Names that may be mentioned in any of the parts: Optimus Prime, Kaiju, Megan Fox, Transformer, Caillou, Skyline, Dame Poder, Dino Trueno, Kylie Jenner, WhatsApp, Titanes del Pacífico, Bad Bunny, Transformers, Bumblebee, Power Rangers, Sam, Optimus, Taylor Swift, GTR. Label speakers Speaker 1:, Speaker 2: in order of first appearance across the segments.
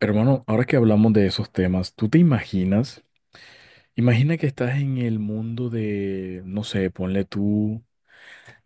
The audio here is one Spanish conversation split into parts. Speaker 1: Hermano, ahora que hablamos de esos temas, ¿tú te imaginas? Imagina que estás en el mundo de, no sé, ponle tú,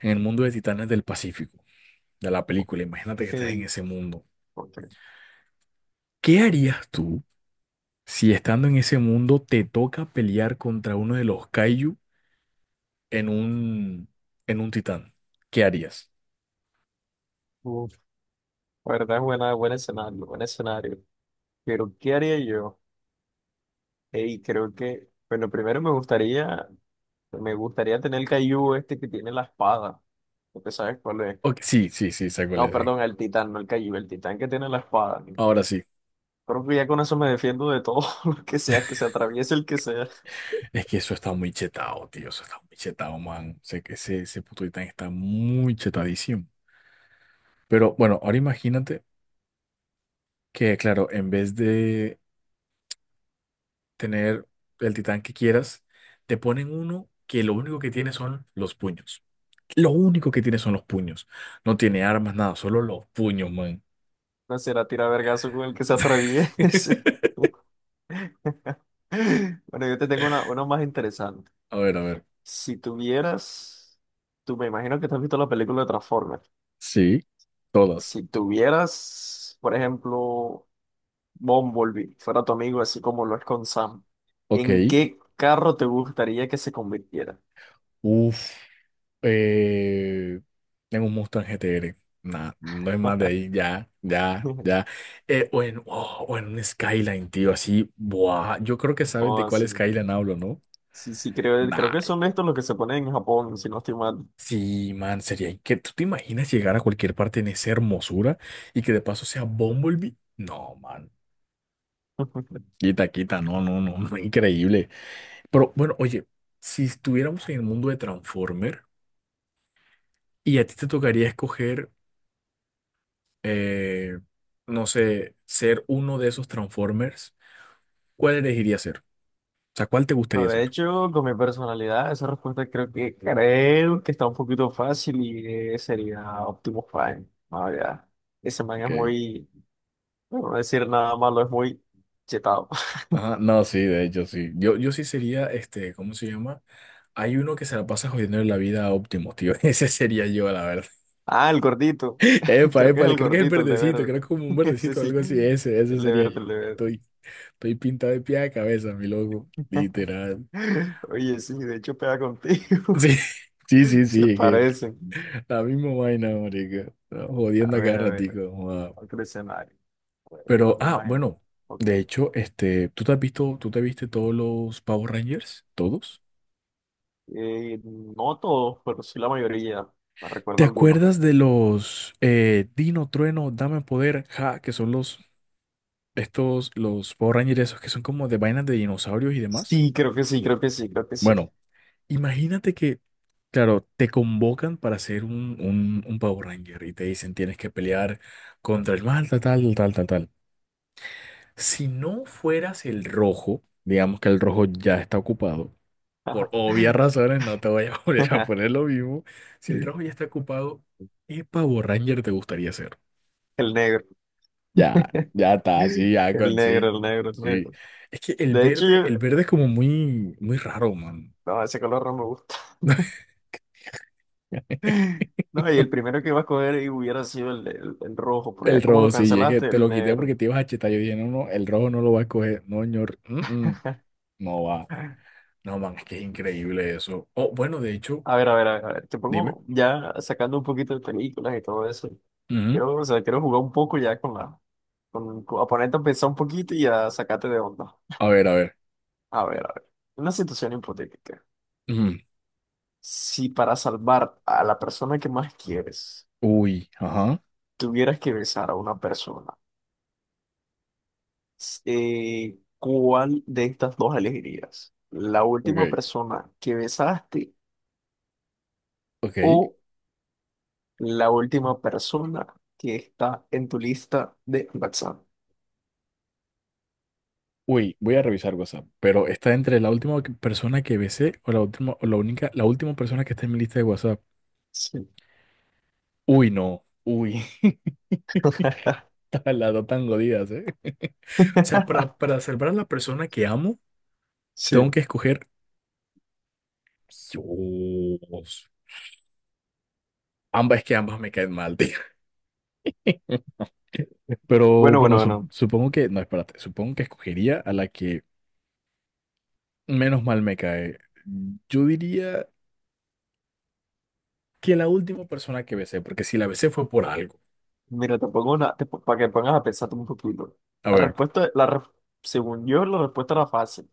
Speaker 1: en el mundo de Titanes del Pacífico, de la película. Imagínate que estás en
Speaker 2: El,
Speaker 1: ese mundo.
Speaker 2: ok.
Speaker 1: ¿Qué harías tú si estando en ese mundo te toca pelear contra uno de los Kaiju en un, en un titán? ¿Qué harías?
Speaker 2: Uf, la verdad es buena, buen escenario, buen escenario. Pero, ¿qué haría yo? Hey, creo que, bueno, primero me gustaría tener el Caillou este que tiene la espada. Porque sabes cuál es.
Speaker 1: Ok, sí, sí, sí, sé cuál
Speaker 2: No,
Speaker 1: es, sí.
Speaker 2: perdón, el titán, no el Caillou, el titán que tiene la espada, ¿no?
Speaker 1: Ahora sí.
Speaker 2: Creo que ya con eso me defiendo de todo lo que sea, que se atraviese el que sea.
Speaker 1: Es que eso está muy chetado, tío. Eso está muy chetado, man. Sé que ese puto titán está muy chetadísimo. Pero bueno, ahora imagínate que, claro, en vez de tener el titán que quieras, te ponen uno que lo único que tiene son los puños. Lo único que tiene son los puños. No tiene armas, nada, solo los puños, man.
Speaker 2: No será tirar vergazo con el que se atraviese. Bueno, yo te tengo una más interesante.
Speaker 1: A ver, a ver.
Speaker 2: Si tuvieras, tú me imagino que te has visto la película de Transformers.
Speaker 1: Sí, todas.
Speaker 2: Si tuvieras, por ejemplo, Bumblebee, fuera tu amigo, así como lo es con Sam,
Speaker 1: Ok.
Speaker 2: ¿en qué carro te gustaría que se convirtiera?
Speaker 1: Uf. Eh, Tengo un monstruo en GTR. Nah, no es más de ahí. Ya, ya, ya. O o en un Skyline, tío, así. Buah. Yo creo que sabes
Speaker 2: O
Speaker 1: de cuál
Speaker 2: así.
Speaker 1: Skyline hablo, ¿no?
Speaker 2: Sí, sí, creo, creo
Speaker 1: Nah.
Speaker 2: que son estos los que se ponen en Japón, si no estoy mal.
Speaker 1: Sí, man, sería que ¿tú te imaginas llegar a cualquier parte en esa hermosura y que de paso sea Bumblebee? No, man. Quita, quita. No, no, no. No, increíble. Pero bueno, oye, si estuviéramos en el mundo de Transformer y a ti te tocaría escoger. eh, no sé, ser uno de esos Transformers, ¿cuál elegiría ser? O sea, ¿cuál te
Speaker 2: No,
Speaker 1: gustaría
Speaker 2: de
Speaker 1: ser?
Speaker 2: hecho, con mi personalidad, esa respuesta creo que está un poquito fácil y sería Optimus Prime. Ah, ya. Ese man es
Speaker 1: Ok.
Speaker 2: muy, no voy a decir nada malo, es muy chetado.
Speaker 1: Ajá, no, sí, de hecho, sí. Yo sí sería, este, ¿cómo se llama? Hay uno que se la pasa jodiendo la vida a Optimus, tío. Ese sería yo, la verdad.
Speaker 2: Ah, el gordito.
Speaker 1: Epa,
Speaker 2: Creo que
Speaker 1: epa,
Speaker 2: es
Speaker 1: le-
Speaker 2: el
Speaker 1: creo que es el
Speaker 2: gordito, el de
Speaker 1: verdecito,
Speaker 2: verde.
Speaker 1: creo que es como un
Speaker 2: Ese
Speaker 1: verdecito o
Speaker 2: sí.
Speaker 1: algo así. Ese
Speaker 2: El de
Speaker 1: sería
Speaker 2: verde,
Speaker 1: yo.
Speaker 2: el de verde.
Speaker 1: Estoy pintado de pie a cabeza, mi loco. Literal.
Speaker 2: Oye, sí, de hecho pega contigo.
Speaker 1: Sí, sí, sí,
Speaker 2: Se
Speaker 1: sí. Que
Speaker 2: parecen.
Speaker 1: la misma vaina, marica.
Speaker 2: A
Speaker 1: Jodiendo a cada
Speaker 2: ver, a ver.
Speaker 1: ratico.
Speaker 2: Otro escenario. Pues,
Speaker 1: Pero,
Speaker 2: déjame
Speaker 1: ah,
Speaker 2: imaginar.
Speaker 1: bueno,
Speaker 2: Ok.
Speaker 1: de hecho, este, ¿tú te has visto, tú te viste todos los Power Rangers? ¿Todos?
Speaker 2: No todos, pero sí la mayoría. Me
Speaker 1: ¿Te
Speaker 2: recuerdo algunos.
Speaker 1: acuerdas de los Dino, Trueno, Dame Poder, Ja, que son los, estos, los Power Rangers esos que son como de vainas de dinosaurios y demás?
Speaker 2: Sí, creo que sí, creo que sí, creo que sí.
Speaker 1: Bueno, imagínate que, claro, te convocan para ser un Power Ranger y te dicen tienes que pelear contra el mal, tal, tal, tal, tal, tal. Si no fueras el rojo, digamos que el rojo ya está ocupado. Por obvias razones, no te voy a volver a poner lo mismo. Si el trabajo ya está ocupado, ¿qué Power Ranger te gustaría ser?
Speaker 2: El negro.
Speaker 1: Ya, ya está, sí, ya
Speaker 2: El
Speaker 1: con
Speaker 2: negro,
Speaker 1: sí.
Speaker 2: el negro, el
Speaker 1: Sí.
Speaker 2: negro.
Speaker 1: Es que
Speaker 2: De hecho,
Speaker 1: el verde es como muy, muy raro, man.
Speaker 2: no, ese color no me gusta. No, y el primero que iba a coger y hubiera sido el, rojo, pero
Speaker 1: El
Speaker 2: ya como
Speaker 1: rojo,
Speaker 2: lo
Speaker 1: sí, es que
Speaker 2: cancelaste,
Speaker 1: te
Speaker 2: el
Speaker 1: lo quité porque
Speaker 2: negro.
Speaker 1: te ibas a chetar. Yo dije, no, no, el rojo no lo va a escoger, no, señor, mm, mm, no va. No, man, es que es increíble eso. Oh, bueno, de hecho,
Speaker 2: A ver, a ver, a ver, a ver, te
Speaker 1: dime.
Speaker 2: pongo ya sacando un poquito de películas y todo eso.
Speaker 1: Ujú.
Speaker 2: Quiero, o sea, quiero jugar un poco ya con la, con- a ponerte a pensar un poquito y a sacarte de onda.
Speaker 1: A ver, a ver.
Speaker 2: A ver, una situación hipotética.
Speaker 1: Ujú.
Speaker 2: Si para salvar a la persona que más quieres,
Speaker 1: Uy, ajá.
Speaker 2: tuvieras que besar a una persona, ¿cuál de estas dos elegirías? ¿La última
Speaker 1: Ok,
Speaker 2: persona que besaste?
Speaker 1: ok.
Speaker 2: ¿O la última persona que está en tu lista de WhatsApp?
Speaker 1: Uy, voy a revisar WhatsApp, pero está entre la última que- persona que besé o la última, o la única, la última persona que está en mi lista de WhatsApp.
Speaker 2: Sí.
Speaker 1: Uy, no. Uy, está las dos tan jodidas, ¿eh? O sea, para salvar a la persona que amo, tengo
Speaker 2: Sí.
Speaker 1: que escoger. Dios. Ambas, es que ambas me caen mal, tío. Pero
Speaker 2: Bueno,
Speaker 1: bueno,
Speaker 2: bueno,
Speaker 1: sup-
Speaker 2: bueno.
Speaker 1: supongo que. No, espérate. Supongo que escogería a la que menos mal me cae. Yo diría que la última persona que besé, porque si la besé fue por algo.
Speaker 2: Mira, te pongo una, para que pongas a pensar un poquito.
Speaker 1: A
Speaker 2: La
Speaker 1: ver.
Speaker 2: respuesta, según yo, la respuesta era fácil,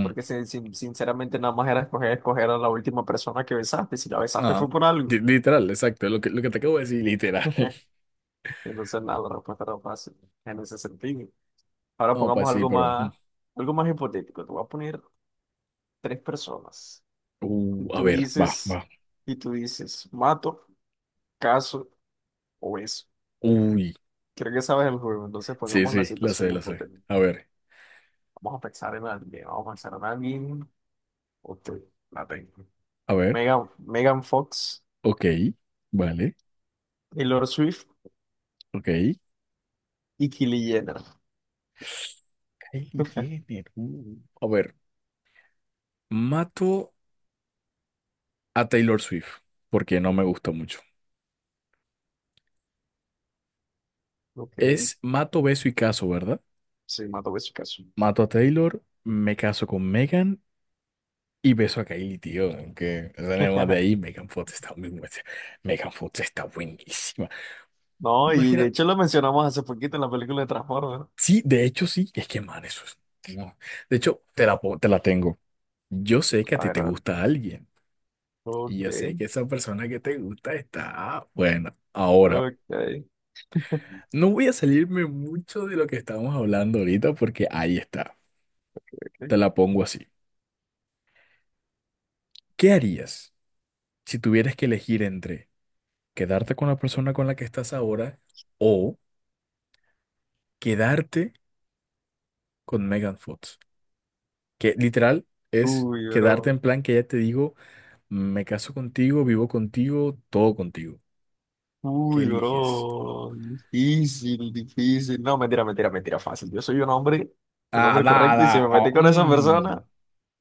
Speaker 2: porque sinceramente nada más era escoger a la última persona que besaste. Si la besaste fue
Speaker 1: Ajá.
Speaker 2: por algo.
Speaker 1: Li- Literal, exacto, lo que te acabo de decir, literal.
Speaker 2: Entonces, nada, la respuesta era fácil en ese sentido. Ahora
Speaker 1: No, pues
Speaker 2: pongamos
Speaker 1: sí, pero. Mm.
Speaker 2: algo más hipotético. Te voy a poner tres personas. Y
Speaker 1: A
Speaker 2: tú
Speaker 1: ver, va,
Speaker 2: dices,
Speaker 1: va.
Speaker 2: y tú dices, mato, caso o beso.
Speaker 1: Uy,
Speaker 2: Creo que sabes el juego, entonces
Speaker 1: sí,
Speaker 2: pongamos la
Speaker 1: sí, lo sé,
Speaker 2: situación
Speaker 1: lo sé.
Speaker 2: hipotética. Vamos a pensar en alguien, vamos a pensar en alguien. Ok, la tengo.
Speaker 1: A ver,
Speaker 2: Megan Fox,
Speaker 1: ok, vale,
Speaker 2: Taylor Swift
Speaker 1: ok.
Speaker 2: y Kylie Jenner.
Speaker 1: Kylie Jenner. A ver, mato a Taylor Swift, porque no me gusta mucho.
Speaker 2: Ok,
Speaker 1: Es mato, beso y caso, ¿verdad?
Speaker 2: sí, mato, beso, caso.
Speaker 1: Mato a Taylor, me caso con Megan y beso a Kylie, tío. Aunque, o sea, nada más de ahí, Megan Fox está muy buena. Megan Fox está buenísima.
Speaker 2: No, y de
Speaker 1: Imagina,
Speaker 2: hecho lo mencionamos hace poquito en la película de Transformers.
Speaker 1: sí, de hecho sí, es que man, eso es. No. De hecho, te la, po- te la tengo. Yo sé que a
Speaker 2: A
Speaker 1: ti
Speaker 2: ver,
Speaker 1: te
Speaker 2: a ver.
Speaker 1: gusta alguien y
Speaker 2: Ok,
Speaker 1: yo sé que esa persona que te gusta está buena. Ahora,
Speaker 2: ok.
Speaker 1: no voy a salirme mucho de lo que estábamos hablando ahorita porque ahí está. Te la pongo así. ¿Qué harías si tuvieras que elegir entre quedarte con la persona con la que estás ahora o quedarte con Megan Fox? Que literal es
Speaker 2: Uy,
Speaker 1: quedarte en
Speaker 2: bro.
Speaker 1: plan que ya te digo. Me caso contigo, vivo contigo, todo contigo. ¿Qué
Speaker 2: Uy,
Speaker 1: eliges?
Speaker 2: bro, difícil, difícil. No, mentira, mentira, mentira, fácil. Yo soy un
Speaker 1: Ah,
Speaker 2: hombre correcto y si
Speaker 1: nada.
Speaker 2: me metí con esa
Speaker 1: Mm.
Speaker 2: persona,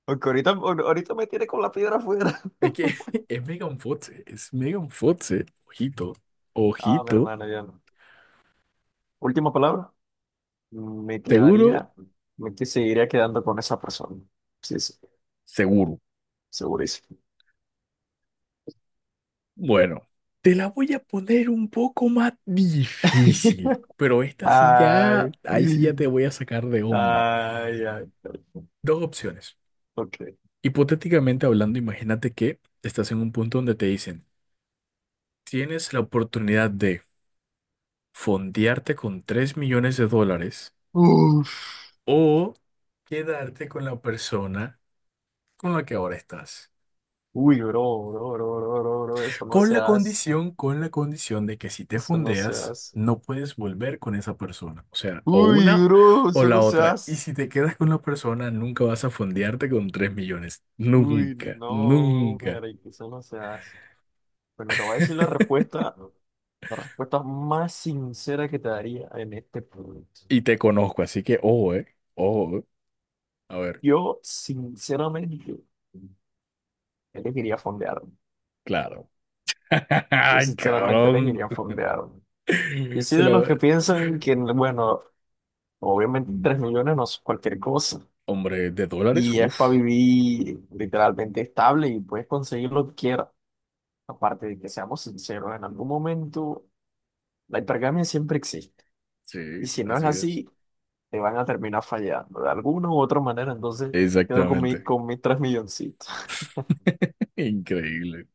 Speaker 2: aunque ahorita, ahorita me tiene con la piedra afuera.
Speaker 1: Es que es Megan Fox, es Megan Fox. Ojito,
Speaker 2: Ah, mi
Speaker 1: ojito.
Speaker 2: hermano, ya no. Última palabra, me
Speaker 1: ¿Seguro?
Speaker 2: quedaría, seguiría quedando con esa persona. Sí, sí,
Speaker 1: Seguro.
Speaker 2: segurísimo.
Speaker 1: Bueno, te la voy a poner un poco más difícil, pero esta sí ya,
Speaker 2: Ay,
Speaker 1: ahí sí ya te voy a sacar de onda.
Speaker 2: ay, ay.
Speaker 1: Dos opciones.
Speaker 2: Ok.
Speaker 1: Hipotéticamente hablando, imagínate que estás en un punto donde te dicen, tienes la oportunidad de fondearte con 3 millones de dólares
Speaker 2: Uf.
Speaker 1: o quedarte con la persona con la que ahora estás.
Speaker 2: Uy, bro, bro, bro, bro, bro, bro, eso no se hace,
Speaker 1: Con la condición de que si te
Speaker 2: eso no se
Speaker 1: fondeas,
Speaker 2: hace.
Speaker 1: no puedes volver con esa persona. O sea, o
Speaker 2: Uy,
Speaker 1: una
Speaker 2: bro,
Speaker 1: o
Speaker 2: eso
Speaker 1: la
Speaker 2: no se
Speaker 1: otra. Y
Speaker 2: hace.
Speaker 1: si te quedas con la persona, nunca vas a fondearte con 3 millones.
Speaker 2: Uy,
Speaker 1: Nunca,
Speaker 2: no,
Speaker 1: nunca.
Speaker 2: marica, eso no se hace. Bueno, te voy a decir la respuesta más sincera que te daría en este punto.
Speaker 1: Y te conozco, así que ojo, eh. Ojo. A ver,
Speaker 2: Yo, sinceramente, elegiría fondear.
Speaker 1: claro.
Speaker 2: Yo,
Speaker 1: Ay,
Speaker 2: sinceramente,
Speaker 1: cabrón.
Speaker 2: elegiría fondear. Yo soy
Speaker 1: Se
Speaker 2: de los que
Speaker 1: la...
Speaker 2: piensan que, bueno, obviamente tres millones no es cualquier cosa.
Speaker 1: Hombre, de dólares,
Speaker 2: Y es
Speaker 1: uff.
Speaker 2: para vivir literalmente estable y puedes conseguir lo que quieras. Aparte de que seamos sinceros, en algún momento la hipergamia siempre existe. Y
Speaker 1: Sí,
Speaker 2: si no es
Speaker 1: así es.
Speaker 2: así, te van a terminar fallando de alguna u otra manera. Entonces, me quedo con mi,
Speaker 1: Exactamente.
Speaker 2: con mis tres milloncitos.
Speaker 1: Increíble.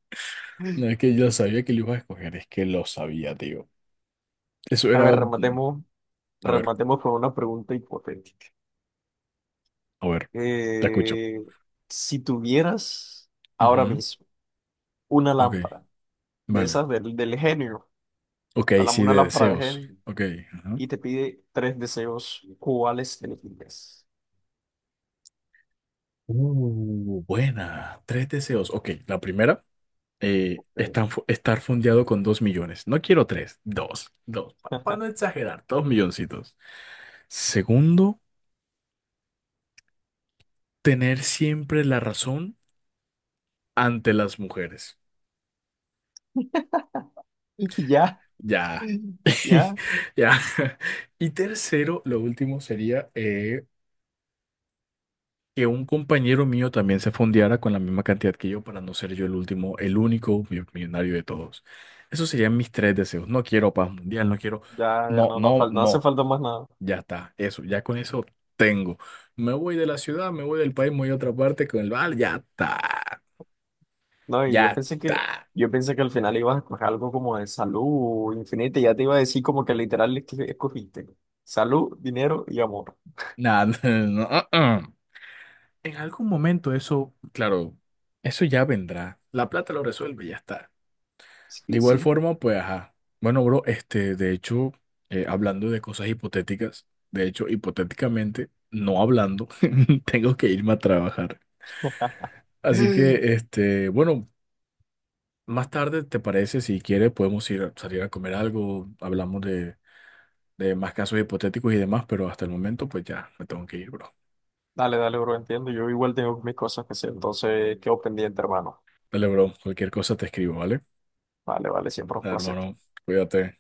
Speaker 1: No es que yo sabía que lo ibas a escoger, es que lo sabía, tío. Eso
Speaker 2: A
Speaker 1: era...
Speaker 2: ver, rematemos,
Speaker 1: A ver,
Speaker 2: rematemos con una pregunta hipotética.
Speaker 1: a ver, te escucho.
Speaker 2: Eh, si tuvieras ahora
Speaker 1: Ujú,
Speaker 2: mismo una
Speaker 1: ok,
Speaker 2: lámpara de
Speaker 1: vale.
Speaker 2: esas del, del genio,
Speaker 1: Ok, sí,
Speaker 2: una
Speaker 1: de
Speaker 2: lámpara de
Speaker 1: deseos.
Speaker 2: genio,
Speaker 1: Ok, ajá.
Speaker 2: y te pide tres deseos, ¿cuáles elegirías?
Speaker 1: Buena. Tres deseos. Ok, la primera,
Speaker 2: Ok.
Speaker 1: estar, fu- estar fondeado con 2 millones. No quiero tres, dos, dos. Para no exagerar, 2 milloncitos. Segundo, tener siempre la razón ante las mujeres.
Speaker 2: Ya,
Speaker 1: Ya,
Speaker 2: ya,
Speaker 1: ya. Y tercero, lo último sería que un compañero mío también se fondeara con la misma cantidad que yo para no ser yo el último, el único mi- millonario de todos. Esos serían mis tres deseos. No quiero paz mundial, no quiero...
Speaker 2: ya, ya
Speaker 1: No,
Speaker 2: no, no,
Speaker 1: no,
Speaker 2: no hace
Speaker 1: no.
Speaker 2: falta más nada.
Speaker 1: Ya está, eso, ya con eso tengo. Me voy de la ciudad, me voy del país, me voy a otra parte con el bar, ya está,
Speaker 2: No, y
Speaker 1: ya está.
Speaker 2: yo pensé que al final ibas a escoger algo como de salud infinita, y ya te iba a decir como que literal es que escogiste. Salud, dinero y amor.
Speaker 1: Nada, no, uh-uh. En algún momento eso, claro, eso ya vendrá. La plata lo resuelve y ya está. De
Speaker 2: Sí,
Speaker 1: igual
Speaker 2: sí.
Speaker 1: forma, pues, ajá. Bueno, bro, este, de hecho, hablando de cosas hipotéticas, de hecho, hipotéticamente, no hablando, tengo que irme a trabajar. Así que, este, bueno, más tarde, ¿te parece? Si quieres, podemos ir a salir a comer algo, hablamos de más casos hipotéticos y demás, pero hasta el momento, pues ya, me tengo que ir, bro.
Speaker 2: Dale, dale, bro, entiendo. Yo igual tengo mis cosas que hacer, entonces quedo pendiente, hermano.
Speaker 1: Dale, bro, cualquier cosa te escribo, ¿vale?
Speaker 2: Vale, vale, siempre un
Speaker 1: Dale,
Speaker 2: placer.
Speaker 1: hermano, cuídate.